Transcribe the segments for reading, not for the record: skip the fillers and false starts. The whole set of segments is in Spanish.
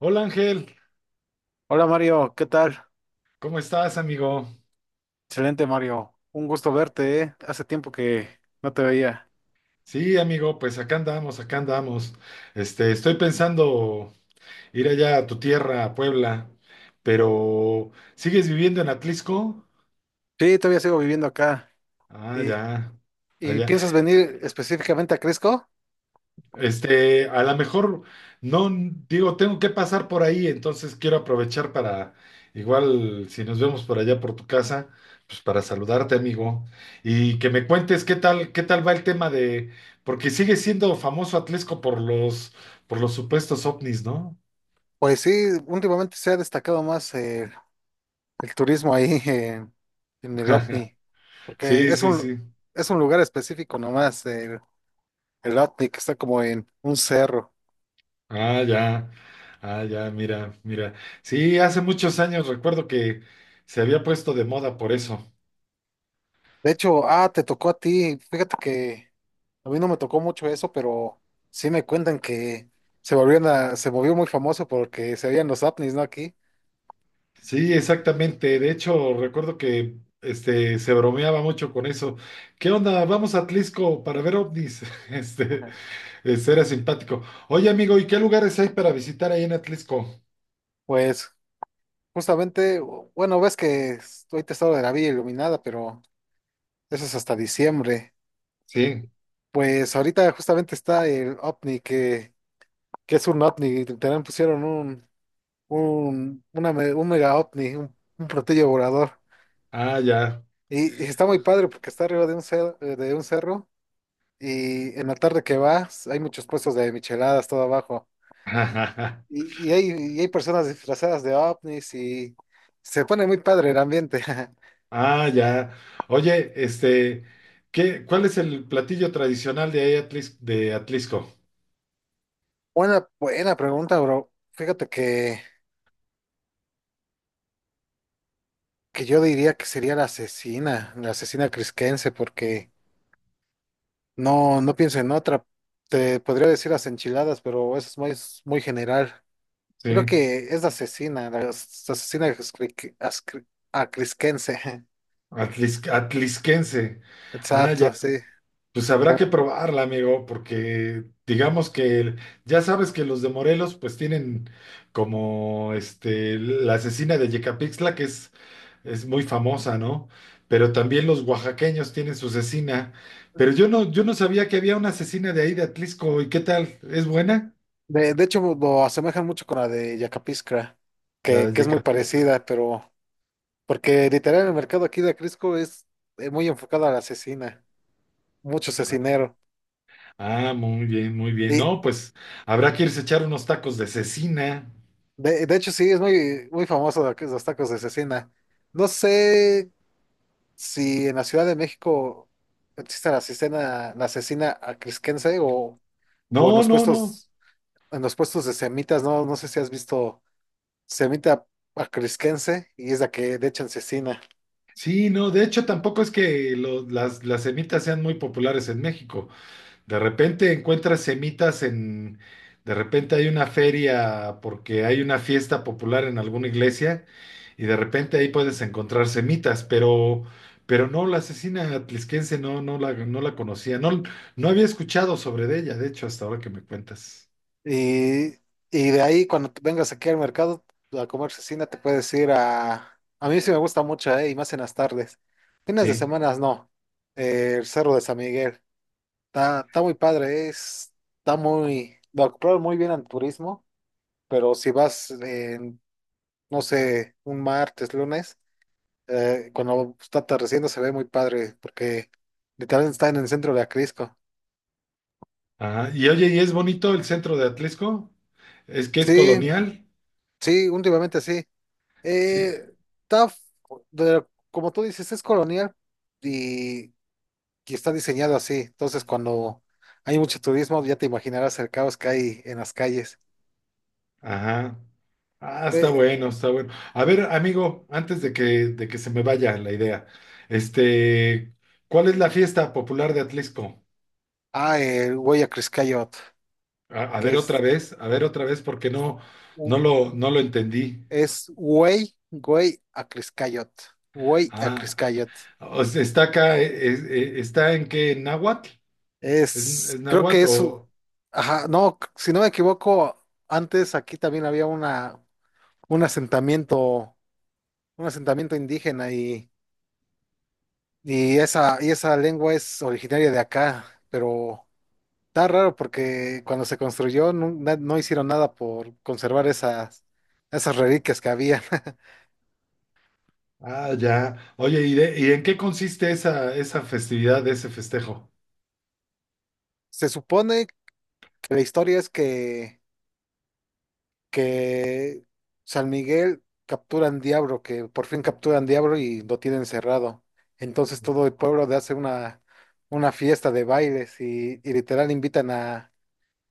Hola Ángel, Hola Mario, ¿qué tal? ¿cómo estás, amigo? Excelente Mario, un gusto verte, ¿eh? Hace tiempo que no te veía. Sí, amigo, pues acá andamos, acá andamos. Estoy pensando ir allá a tu tierra, a Puebla, pero ¿sigues viviendo en Atlisco? Sí, todavía sigo viviendo acá. Ah, ¿Y, ya, y allá. piensas venir específicamente a Crisco? A lo mejor, no, digo, tengo que pasar por ahí, entonces quiero aprovechar para, igual, si nos vemos por allá por tu casa, pues para saludarte, amigo, y que me cuentes qué tal va el tema de, porque sigue siendo famoso Atlesco por los supuestos ovnis, ¿no? Pues sí, últimamente se ha destacado más el turismo ahí en el OVNI, porque Sí, sí, sí. es un lugar específico nomás, el OVNI que está como en un cerro. Ah, ya. Ah, ya, mira, mira. Sí, hace muchos años recuerdo que se había puesto de moda por eso. De hecho, ah, te tocó a ti. Fíjate que a mí no me tocó mucho eso, pero sí me cuentan que se volvió muy famoso porque se veían los ovnis, ¿no? Aquí. Sí, exactamente. De hecho, recuerdo que se bromeaba mucho con eso. ¿Qué onda? Vamos a Atlisco para ver ovnis. Este, Ajá. este, era simpático. Oye, amigo, ¿y qué lugares hay para visitar ahí en Atlisco? Pues justamente, bueno, ves que estoy testado de la Villa Iluminada, pero eso es hasta diciembre. Sí. Pues ahorita justamente está el ovni, que es un ovni, también pusieron un mega ovni, un platillo volador. Ah, ya. Y está muy padre porque está arriba de de un cerro. Y en la tarde que vas, hay muchos puestos de micheladas todo abajo. Y, y hay, y hay personas disfrazadas de ovnis y se pone muy padre el ambiente. Ah, ya. Oye, ¿qué, cuál es el platillo tradicional de ahí de Atlisco? Buena pregunta, bro. Fíjate que yo diría que sería la asesina crisquense, porque no pienso en otra. Te podría decir las enchiladas, pero eso es es muy general. Creo Sí. que es la asesina, la as- asesina crisque- ascri- acrisquense. Atlisquense. Ah, ya. Exacto, sí. Pues habrá que probarla, amigo, porque digamos que ya sabes que los de Morelos pues tienen como este la asesina de Yecapixtla, que es muy famosa, ¿no? Pero también los oaxaqueños tienen su asesina. Pero yo no, yo no sabía que había una asesina de ahí de Atlisco. ¿Y qué tal? ¿Es buena? De hecho, lo asemejan mucho con la de Yacapiscra, La de que es muy Yecapixtla. parecida, pero porque literal el mercado aquí de Acrisco es, muy enfocado a la asesina, mucho cecinero. Ah, muy bien, muy bien. Y No, pues habrá que irse a echar unos tacos de cecina. De hecho, sí, es muy famoso lo que es los tacos de cecina. No sé si en la Ciudad de México existe la asesina acrisquense o, o en No, los no, no. puestos, en los puestos de semitas, no sé si has visto semita acrisquense y es la que le echan cecina. Sí, no, de hecho tampoco es que las semitas sean muy populares en México. De repente encuentras semitas en, de repente hay una feria porque hay una fiesta popular en alguna iglesia y de repente ahí puedes encontrar semitas, pero no, la asesina atlisquense no, no la, no la conocía, no, no había escuchado sobre de ella, de hecho, hasta ahora que me cuentas. Y, y de ahí, cuando te vengas aquí al mercado a comer cecina, te puedes ir a... A mí sí me gusta mucho, y más en las tardes. Fines de Sí. semanas no. El Cerro de San Miguel. Está muy padre, es, está muy... Lo acoplaron muy bien al turismo, pero si vas, en, no sé, lunes, cuando está atardeciendo se ve muy padre, porque literalmente está en el centro de Acrisco. Ajá. Y oye, ¿y es bonito el centro de Atlisco? ¿Es que es Sí, colonial? sí, últimamente sí. Sí. Eh, TAF, de- como tú dices, es colonial y, y está diseñado así. Entonces, cuando hay mucho turismo, ya te imaginarás el caos que hay en las calles. Ajá. Ah, está Eh, bueno, está bueno. A ver, amigo, antes de que se me vaya la idea, este, ¿cuál es la fiesta popular de Atlisco? ah, el Güey Acriscayot, A que ver otra es, vez, a ver otra vez, porque no, u- no lo entendí. es Güey Acriscayot. Güey Ah, Acriscayot. o sea, está acá, ¿está en qué? ¿En náhuatl? Es Es, creo que náhuatl es, u- o...? ajá, no, si no me equivoco, antes aquí también había una, un asentamiento, un asentamiento indígena y. Y esa lengua es originaria de acá, pero está raro porque cuando se construyó nu- na- no, hicieron nada por conservar esas reliquias que había. Ah, ya. Oye, ¿y, y en qué consiste esa, esa festividad, ese festejo? Se supone que la historia es que San Miguel capturan Diablo, que por fin capturan Diablo y lo tienen cerrado. Entonces todo el pueblo le hace una fiesta de bailes y literal invitan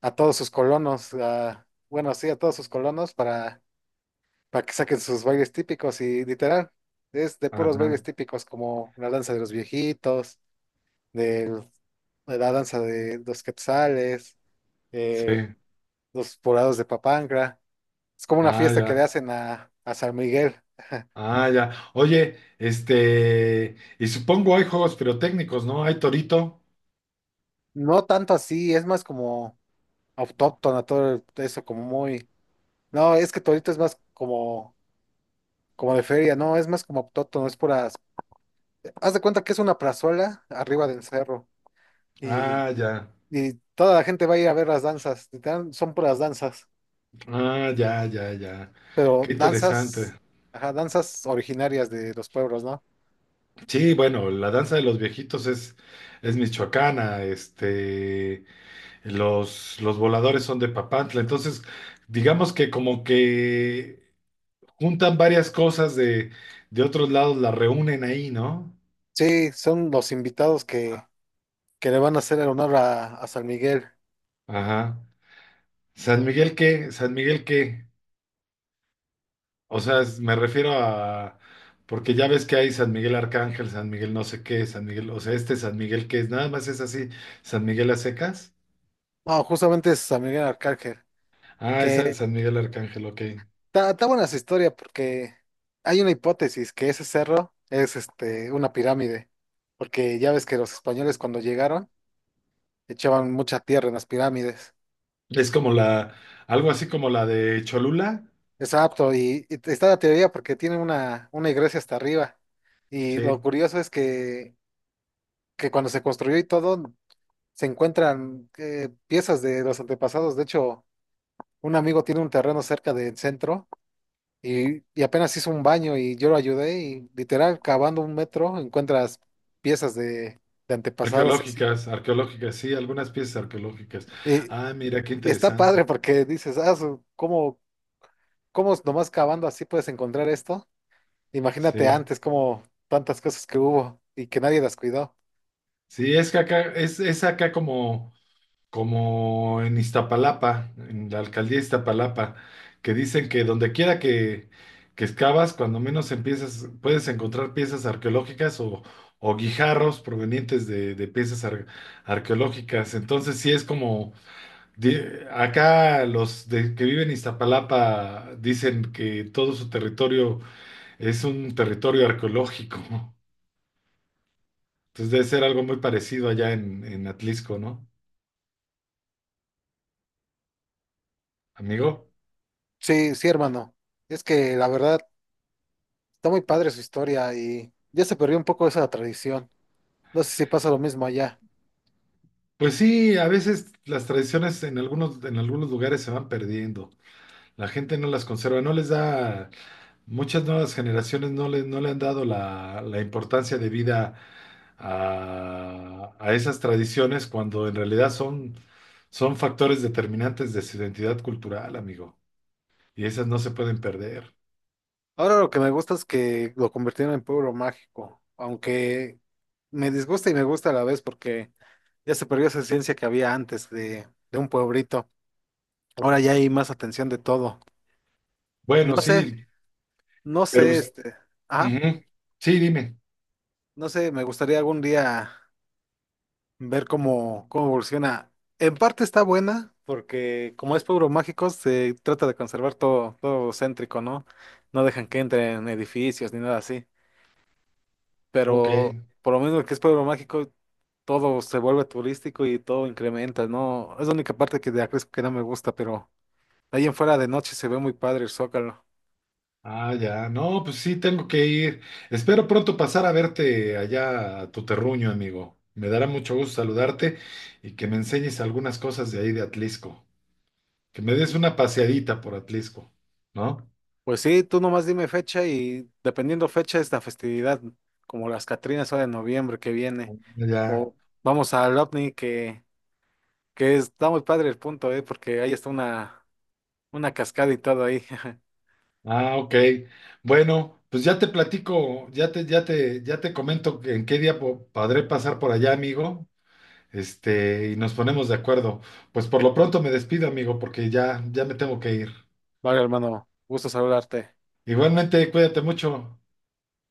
a todos sus colonos, a, bueno, sí, a todos sus colonos para que saquen sus bailes típicos y literal, es de puros Ajá, bailes típicos como la danza de los viejitos, del- de la danza de los quetzales, eh, sí. los poblados de Papantla. Es como una Ah, fiesta que le ya. hacen a San Miguel. Ah, ya. Oye, y supongo hay juegos pirotécnicos, ¿no? Hay Torito. No tanto así, es más como autóctona, todo el- eso como muy... No, es que Torito es más como de feria, no, es más como autóctono, es pura... Haz de cuenta que es una plazuela arriba del cerro y. Ah, ya. Y toda la gente va a ir a ver las danzas, literal, son puras danzas, Ah, ya, ya, ya. pero Qué interesante. danzas, ajá, danzas originarias de los pueblos, ¿no? Sí, bueno, la danza de los viejitos es michoacana, los voladores son de Papantla. Entonces, digamos que como que juntan varias cosas de otros lados, las reúnen ahí, ¿no? Sí, son los invitados que le van a hacer el honor a San Miguel. Ajá. San Miguel, ¿qué? San Miguel, ¿qué? O sea, me refiero a, porque ya ves que hay San Miguel Arcángel, San Miguel no sé qué, San Miguel, o sea, este San Miguel que es, nada más es así, San Miguel a secas. No, justamente es San Miguel Arcángel, Ah, es que San Miguel Arcángel, ok. está está buena esa historia porque hay una hipótesis que ese cerro es este, una pirámide, porque ya ves que los españoles cuando llegaron echaban mucha tierra en las pirámides. Es como la, algo así como la de Cholula, Exacto, y está la teoría porque tiene una iglesia hasta arriba. Y sí. lo curioso es que cuando se construyó y todo, se encuentran piezas de los antepasados. De hecho, un amigo tiene un terreno cerca del centro y apenas hizo un baño y yo lo ayudé y literal, cavando un metro, encuentras piezas de antepasados. Y así. Arqueológicas, arqueológicas, sí, algunas piezas arqueológicas. Y- Ah, mira, qué y está padre interesante. porque dices, ah, ¿cómo nomás cavando así puedes encontrar esto? Imagínate Sí, antes como tantas cosas que hubo y que nadie las cuidó. sí, es que acá, es acá como... como en Iztapalapa, en la alcaldía de Iztapalapa, que dicen que donde quiera que excavas, cuando menos empiezas, puedes encontrar piezas arqueológicas o guijarros provenientes de piezas arqueológicas. Entonces, sí es como, di- acá que viven en Iztapalapa dicen que todo su territorio es un territorio arqueológico. Entonces debe ser algo muy parecido allá en Atlisco, ¿no, amigo? Sí, sí, hermano. Es que la verdad está muy padre su historia y ya se perdió un poco esa tradición. No sé si pasa lo mismo allá. Pues sí, a veces las tradiciones en algunos lugares se van perdiendo. La gente no las conserva, no les da, muchas nuevas generaciones no le han dado la, la importancia de vida a esas tradiciones cuando en realidad son, son factores determinantes de su identidad cultural, amigo. Y esas no se pueden perder. Ahora lo que me gusta es que lo convirtieron en pueblo mágico, aunque me disgusta y me gusta a la vez porque ya se perdió esa esencia que había antes de un pueblito. Ahora ya hay más atención de todo. Bueno, No sé, sí, no pero sé, pues, este, ajá, ujú. Sí, dime. no sé, me gustaría algún día ver cómo evoluciona. En parte está buena, porque como es pueblo mágico, se trata de conservar todo, todo céntrico, ¿no? No dejan que entren edificios ni nada así. Ok. Pero por lo menos que es pueblo mágico, todo se vuelve turístico y todo incrementa, ¿no? Es la única parte que de Acrisco que no me gusta, pero ahí en fuera de noche se ve muy padre el Zócalo. Ah, ya. No, pues sí, tengo que ir. Espero pronto pasar a verte allá a tu terruño, amigo. Me dará mucho gusto saludarte y que me enseñes algunas cosas de ahí de Atlisco. Que me des una paseadita por Atlisco, ¿no? Pues sí, tú nomás dime fecha y dependiendo fecha es la festividad, como las Catrinas ahora en noviembre que viene. Ya. O vamos al OVNI que está muy padre el punto, ¿eh? Porque ahí está una cascada y todo ahí. Ah, ok. Bueno, pues ya te platico, ya te comento en qué día podré pasar por allá, amigo. Y nos ponemos de acuerdo. Pues por lo pronto me despido, amigo, porque ya, ya me tengo que ir. Vale, hermano, gusto saludarte. Igualmente, cuídate mucho.